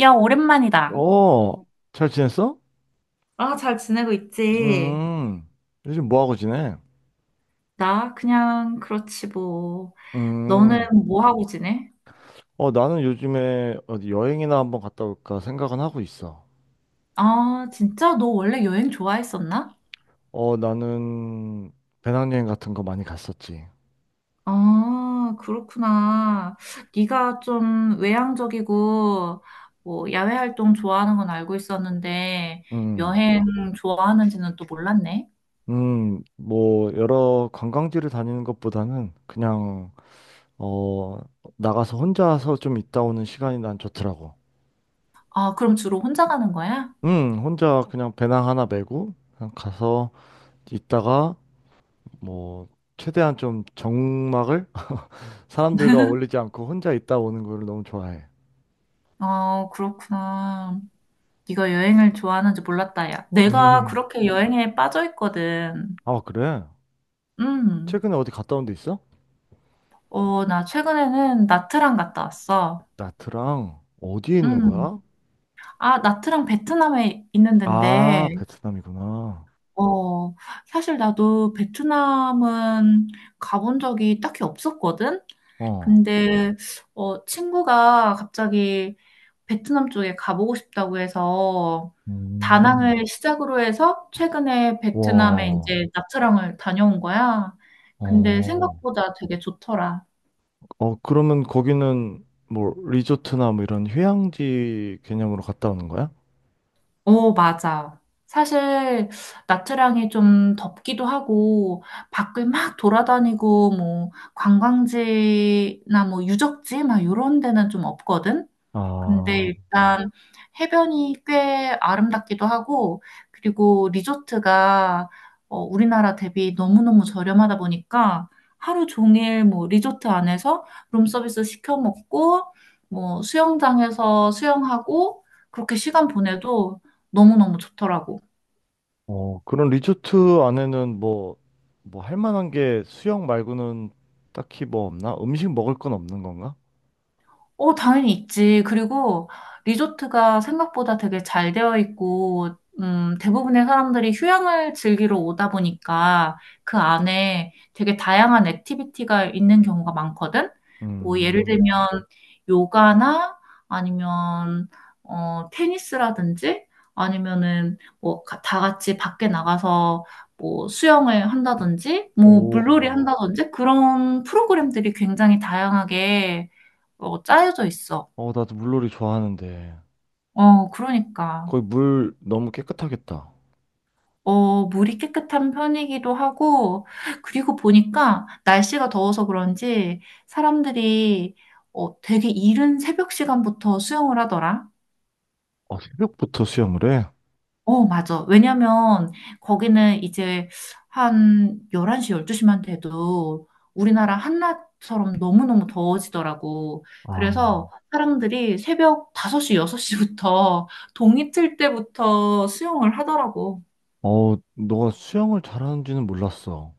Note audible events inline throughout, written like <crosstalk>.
야, 오랜만이다. 어, 잘 지냈어? 아, 잘 지내고 있지? 음, 요즘 뭐 하고 지내? 나 그냥 그렇지 뭐. 너는 음, 뭐 하고 지내? 나는 요즘에 어디 여행이나 한번 갔다 올까 생각은 하고 있어. 아, 진짜 너 원래 여행 좋아했었나? 나는 배낭여행 같은 거 많이 갔었지. 아, 그렇구나. 네가 좀 외향적이고 뭐 야외 활동 좋아하는 건 알고 있었는데 음, 여행 좋아하는지는 또 몰랐네. 음. 여러 관광지를 다니는 것보다는 어, 나가서 혼자서 좀 있다 오는 시간이 난 좋더라고. 아, 그럼 주로 혼자 가는 거야? 혼자 그냥 배낭 하나 메고 그냥 가서 있다가 뭐, 최대한 좀 적막을 사람들과 어울리지 않고 혼자 있다 오는 걸 너무 좋아해. 어, 그렇구나. 네가 여행을 좋아하는지 몰랐다, 야. 내가 음. 그렇게 여행에 빠져 있거든. 아, 그래? 음, 최근에 어디 갔다 온데 있어? 어, 나 최근에는 나트랑 갔다 왔어. 나트랑 어디에 있는 음, 거야? 아, 나트랑 베트남에 있는 데인데, 아, 베트남이구나. 어, 사실 나도 베트남은 가본 적이 딱히 없었거든? 어. 근데, 친구가 갑자기 베트남 쪽에 가보고 싶다고 해서, 음. 다낭을 시작으로 해서 최근에 베트남에 와. 이제 나트랑을 다녀온 거야. 근데 어. 생각보다 되게 좋더라. 어, 그러면 거기는 뭐 리조트나 뭐 이런 휴양지 개념으로 갔다 오는 거야? 어, 맞아. 사실 나트랑이 좀 덥기도 하고 밖을 막 돌아다니고 뭐 관광지나 뭐 유적지 막 이런 데는 좀 없거든. 근데 아, 일단 해변이 꽤 아름답기도 하고, 그리고 리조트가 우리나라 대비 너무너무 저렴하다 보니까 하루 종일 뭐 리조트 안에서 룸서비스 시켜 먹고, 뭐 수영장에서 수영하고, 그렇게 시간 보내도 너무너무 좋더라고. 어, 그런 리조트 안에는 뭐 할 만한 게 수영 말고는 딱히 뭐 없나? 음식 먹을 건 없는 건가? 어, 당연히 있지. 그리고 리조트가 생각보다 되게 잘 되어 있고, 대부분의 사람들이 휴양을 즐기러 오다 보니까 그 안에 되게 다양한 액티비티가 있는 경우가 많거든? 뭐, 예를 음. 들면, 요가나 아니면, 테니스라든지 아니면은 뭐, 다 같이 밖에 나가서 뭐, 수영을 한다든지, 뭐, 물놀이 오. 한다든지 그런 프로그램들이 굉장히 다양하게 짜여져 있어. 어, 나도 물놀이 좋아하는데. 어, 그러니까. 거기 물 너무 깨끗하겠다. 어, 물이 깨끗한 편이기도 하고, 그리고 보니까 날씨가 더워서 그런지 사람들이 되게 이른 새벽 시간부터 수영을 하더라. 아, 새벽부터 수영을 해? 어, 맞아. 왜냐면 거기는 이제 한 11시, 12시만 돼도 우리나라 한낮처럼 너무너무 더워지더라고. 아. 그래서 사람들이 새벽 5시, 6시부터 동이 틀 때부터 수영을 하더라고. 어, 너가 수영을 잘하는지는 몰랐어.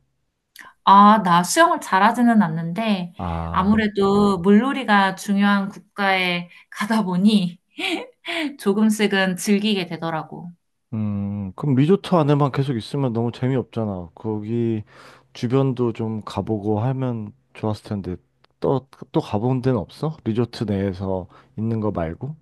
아, 나 수영을 잘하지는 않는데, 아. 아무래도 물놀이가 중요한 국가에 가다 보니 <laughs> 조금씩은 즐기게 되더라고. 그럼 리조트 안에만 계속 있으면 너무 재미없잖아. 거기 주변도 좀 가보고 하면 좋았을 텐데. 또, 또 가본 데는 없어? 리조트 내에서 있는 거 말고?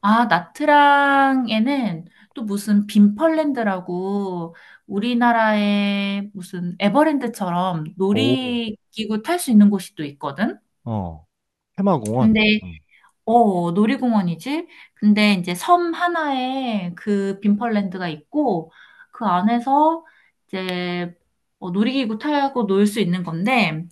아, 나트랑에는 또 무슨 빈펄랜드라고 우리나라의 무슨 에버랜드처럼 오. 놀이기구 탈 수 있는 곳이 또 있거든? 어, 테마공원. 근데 음. 놀이공원이지? 근데 이제 섬 하나에 그 빈펄랜드가 있고, 그 안에서 이제 놀이기구 타고 놀 수 있는 건데,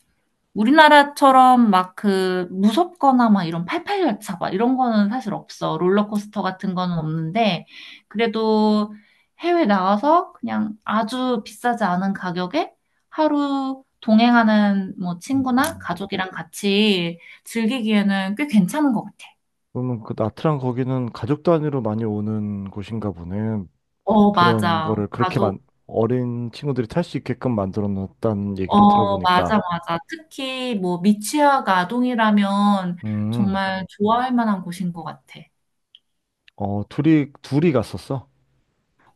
우리나라처럼 막 그 무섭거나 막 이런 팔팔열차 막 이런 거는 사실 없어. 롤러코스터 같은 거는 없는데, 그래도 해외 나가서 그냥 아주 비싸지 않은 가격에 하루 동행하는 뭐 친구나 음. 가족이랑 같이 즐기기에는 꽤 괜찮은 것 같아. 그러면 그 나트랑 거기는 가족 단위로 많이 오는 곳인가 보네. 어, 그런 맞아. 거를 그렇게 가족, 만, 어린 친구들이 탈 수 있게끔 만들어 놨다는 어, 얘기를 맞아, 들어보니까. 맞아. 특히 뭐 미취학 아동이라면 음, 정말 좋아할 만한 곳인 것 같아. 어, 둘이, 둘이 갔었어.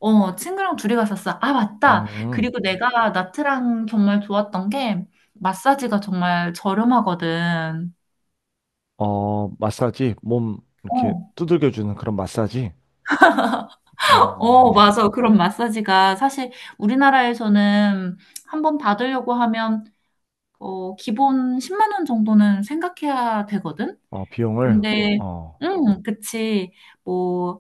어, 친구랑 둘이 갔었어. 아, 맞다. 음, 그리고 내가 나트랑 정말 좋았던 게 마사지가 정말 저렴하거든. 어, 마사지, 몸 이렇게 어, 두들겨주는 그런 마사지. 어, 어, 맞아. 그런 마사지가 사실 우리나라에서는 한 번 받으려고 하면 기본 10만 원 정도는 생각해야 되거든. 어, 비용을. 근데 어, 그치. 뭐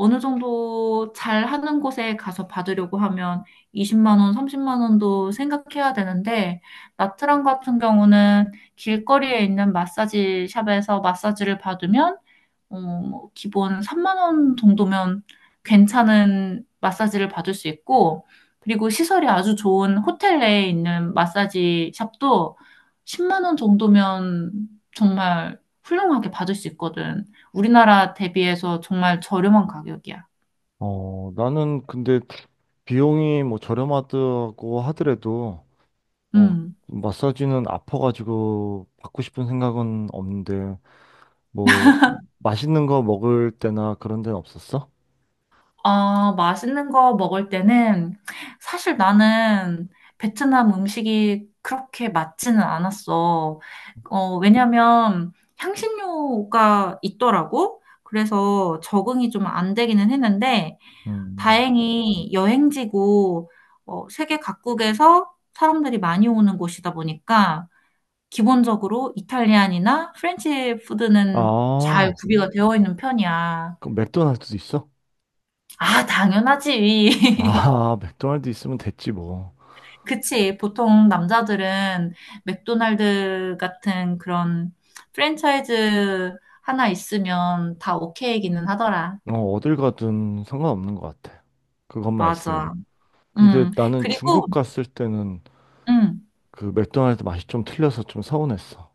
어느 정도 잘 하는 곳에 가서 받으려고 하면 20만 원, 30만 원도 생각해야 되는데, 나트랑 같은 경우는 길거리에 있는 마사지 샵에서 마사지를 받으면 뭐 기본 3만 원 정도면 괜찮은 마사지를 받을 수 있고, 그리고 시설이 아주 좋은 호텔 내에 있는 마사지 샵도 10만 원 정도면 정말 훌륭하게 받을 수 있거든. 우리나라 대비해서 정말 저렴한 가격이야. 나는 근데 비용이 뭐 저렴하다고 하더라도, 어, 음. 마사지는 아파가지고 받고 싶은 생각은 없는데, 뭐, 맛있는 거 먹을 때나 그런 데는 없었어? 어, 맛있는 거 먹을 때는 사실 나는 베트남 음식이 그렇게 맞지는 않았어. 왜냐면 향신료가 있더라고. 그래서 적응이 좀 안 되기는 했는데 음. 다행히 여행지고 세계 각국에서 사람들이 많이 오는 곳이다 보니까 기본적으로 이탈리안이나 프렌치 푸드는 잘 아, 구비가 되어 있는 편이야. 그럼 맥도날드도 있어? 아, 당연하지. <laughs> 아, <laughs> 맥도날드 있으면 됐지 뭐. 그치. 보통 남자들은 맥도날드 같은 그런 프랜차이즈 하나 있으면 다 오케이기는 하더라. 어, 어딜 가든 상관없는 것 같아. 그것만 있으면. 맞아. 음. 근데 음. 나는 그리고, 중국 갔을 때는 음. 그 맥도날드 맛이 좀 틀려서 좀 서운했어.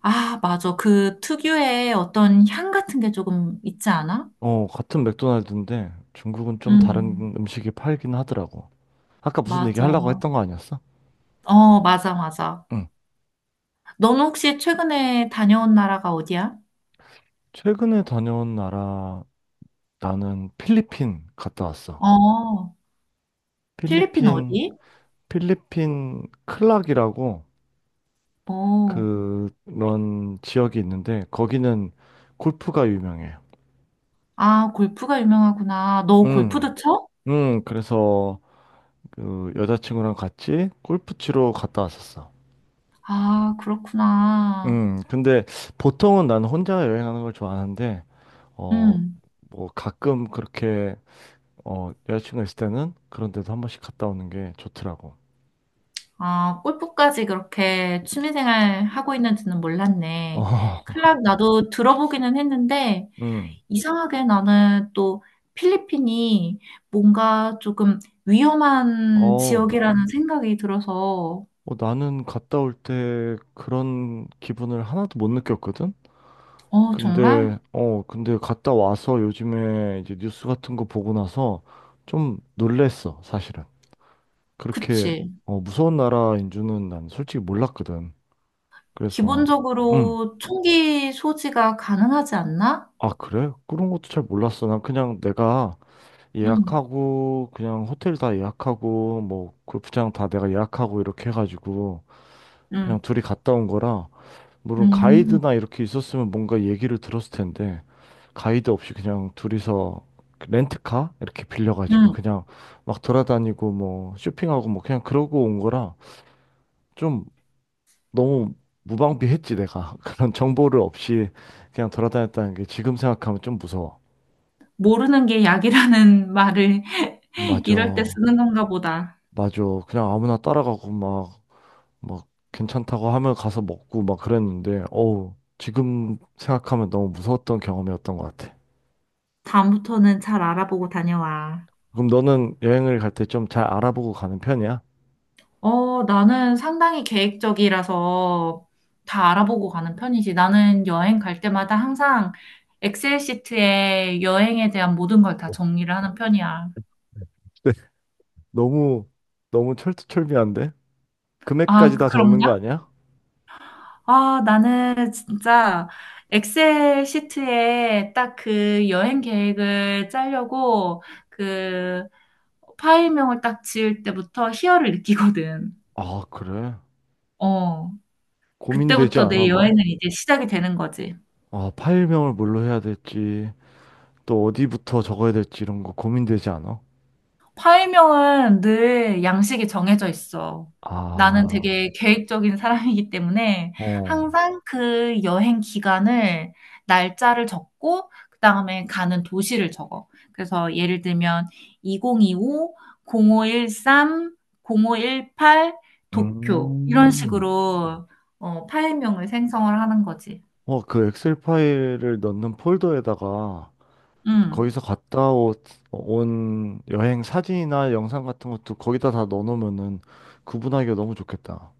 아, 맞아. 그 특유의 어떤 향 같은 게 조금 있지 않아? 어, 같은 맥도날드인데 중국은 좀 음. 다른 음식이 팔긴 하더라고. 아까 무슨 얘기 하려고 맞아. 했던 거 아니었어? 어, 맞아, 맞아. 응. 너는 혹시 최근에 다녀온 나라가 어디야? 최근에 다녀온 나라, 나는 필리핀 갔다 왔어. 어, 필리핀 필리핀, 어디? 필리핀 클락이라고 어. 그런 지역이 있는데 거기는 골프가 유명해요. 아, 골프가 유명하구나. 너 응, 골프도 쳐? 응, 그래서 그 여자친구랑 같이 골프 치러 갔다 왔었어. 아, 그렇구나. 응, 근데 보통은 난 혼자 여행하는 걸 좋아하는데, 어, 음. 뭐 가끔 그렇게, 여자친구가 있을 때는 그런 데도 한 번씩 갔다 오는 게 좋더라고. 아, 골프까지 그렇게 취미생활 하고 있는지는 몰랐네. 어, <laughs> 클럽 나도 들어보기는 했는데, 응, 이상하게 나는 또 필리핀이 뭔가 조금 위험한 어, 지역이라는 생각이 들어서, 나는 갔다 올 때 그런 기분을 하나도 못 느꼈거든? 어, 정말? 근데 갔다 와서 요즘에 이제 뉴스 같은 거 보고 나서 좀 놀랬어, 사실은. 그렇게, 그치. 어, 무서운 나라인 줄은 난 솔직히 몰랐거든. 그래서, 음, 기본적으로 총기 소지가 가능하지 않나? 아, 그래? 그런 것도 잘 몰랐어. 난 그냥 내가 응, 예약하고, 그냥 호텔 다 예약하고, 뭐, 골프장 다 내가 예약하고 이렇게 해가지고, 그냥 응, 둘이 갔다 온 거라, 물론 응, 가이드나 이렇게 있었으면 뭔가 얘기를 들었을 텐데 가이드 없이 그냥 둘이서 렌트카 이렇게 빌려가지고 응. 그냥 막 돌아다니고 뭐 쇼핑하고 뭐 그냥 그러고 온 거라 좀 너무 무방비했지 내가 <laughs> 그런 정보를 없이 그냥 돌아다녔다는 게 지금 생각하면 좀 무서워. 모르는 게 약이라는 말을 <laughs> 이럴 때 맞아, 쓰는 건가 보다. 맞아. 그냥 아무나 따라가고 막 괜찮다고 하면 가서 먹고 막 그랬는데 어우 지금 생각하면 너무 무서웠던 경험이었던 것 같아. 다음부터는 잘 알아보고 다녀와. 그럼 너는 여행을 갈 때 좀 잘 알아보고 가는 편이야? 어, 나는 상당히 계획적이라서 다 알아보고 가는 편이지. 나는 여행 갈 때마다 항상 엑셀 시트에 여행에 대한 모든 걸 다 <laughs> 정리를 하는 편이야. 네. 너무, 너무 철두철미한데? 아, 금액까지 다 적는 그런가? 거 아니야? 아, 나는 진짜 엑셀 시트에 딱 그 여행 계획을 짜려고 그 파일명을 딱 지을 때부터 희열을 느끼거든. 아, 그래. 어. 고민되지 그때부터 내 않아, 여행은 막? 이제 시작이 되는 거지. 아, 파일명을 뭘로 해야 될지, 또 어디부터 적어야 될지 이런 거 고민되지 않아? 파일명은 늘 양식이 정해져 있어. 나는 아, 되게 계획적인 사람이기 때문에 어. 항상 그 여행 기간을 날짜를 적고 그다음에 가는 도시를 적어. 그래서 예를 들면 2025, 0513, 0518 도쿄 이런 음. 식으로 파일명을 생성을 하는 거지. 어, 그 엑셀 파일을 넣는 폴더에다가 음. 거기서 갔다 오- 온 여행 사진이나 영상 같은 것도 거기다 다 넣어놓으면은 구분하기가 너무 좋겠다.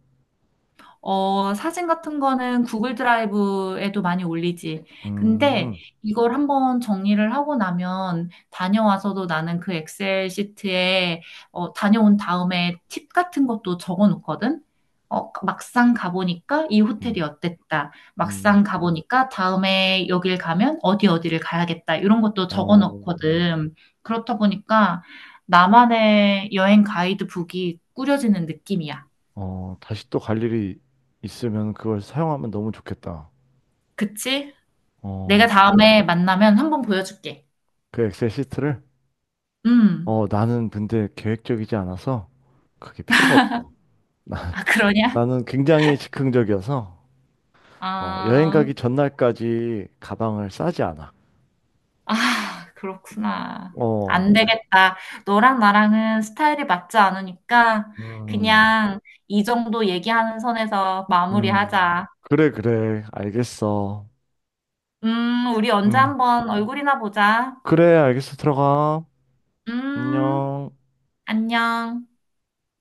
어, 사진 같은 거는 구글 드라이브에도 많이 올리지. 근데 음, 이걸 한번 정리를 하고 나면 다녀와서도 나는 그 엑셀 시트에 다녀온 다음에 팁 같은 것도 적어 놓거든. 막상 가보니까 이 호텔이 음, 어땠다. 음. 막상 가보니까 다음에 여길 가면 어디 어디를 가야겠다. 이런 것도 적어 어, 놓거든. 그렇다 보니까 나만의 여행 가이드북이 꾸려지는 느낌이야. 다시 또 갈 일이 있으면 그걸 사용하면 너무 좋겠다. 그치? 내가 어, 다음에 만나면 한 번 보여줄게. 그 엑셀 시트를? 음. 어, 나는 근데 계획적이지 않아서 그게 필요가 없어. <laughs> 아, 그러냐? 나, 는 굉장히 즉흥적이어서 어, 여행 아, 가기 전날까지 가방을 싸지 않아. 아, 그렇구나. 어, 안 그, 되겠다. 너랑 나랑은 스타일이 맞지 않으니까 음, 그냥 이 정도 얘기하는 선에서 음. 마무리하자. 그래, 그래. 알겠어. 우리 언제 음, 한번 얼굴이나 보자. 그래, 알겠어. 들어가. 음, 안녕. 안녕.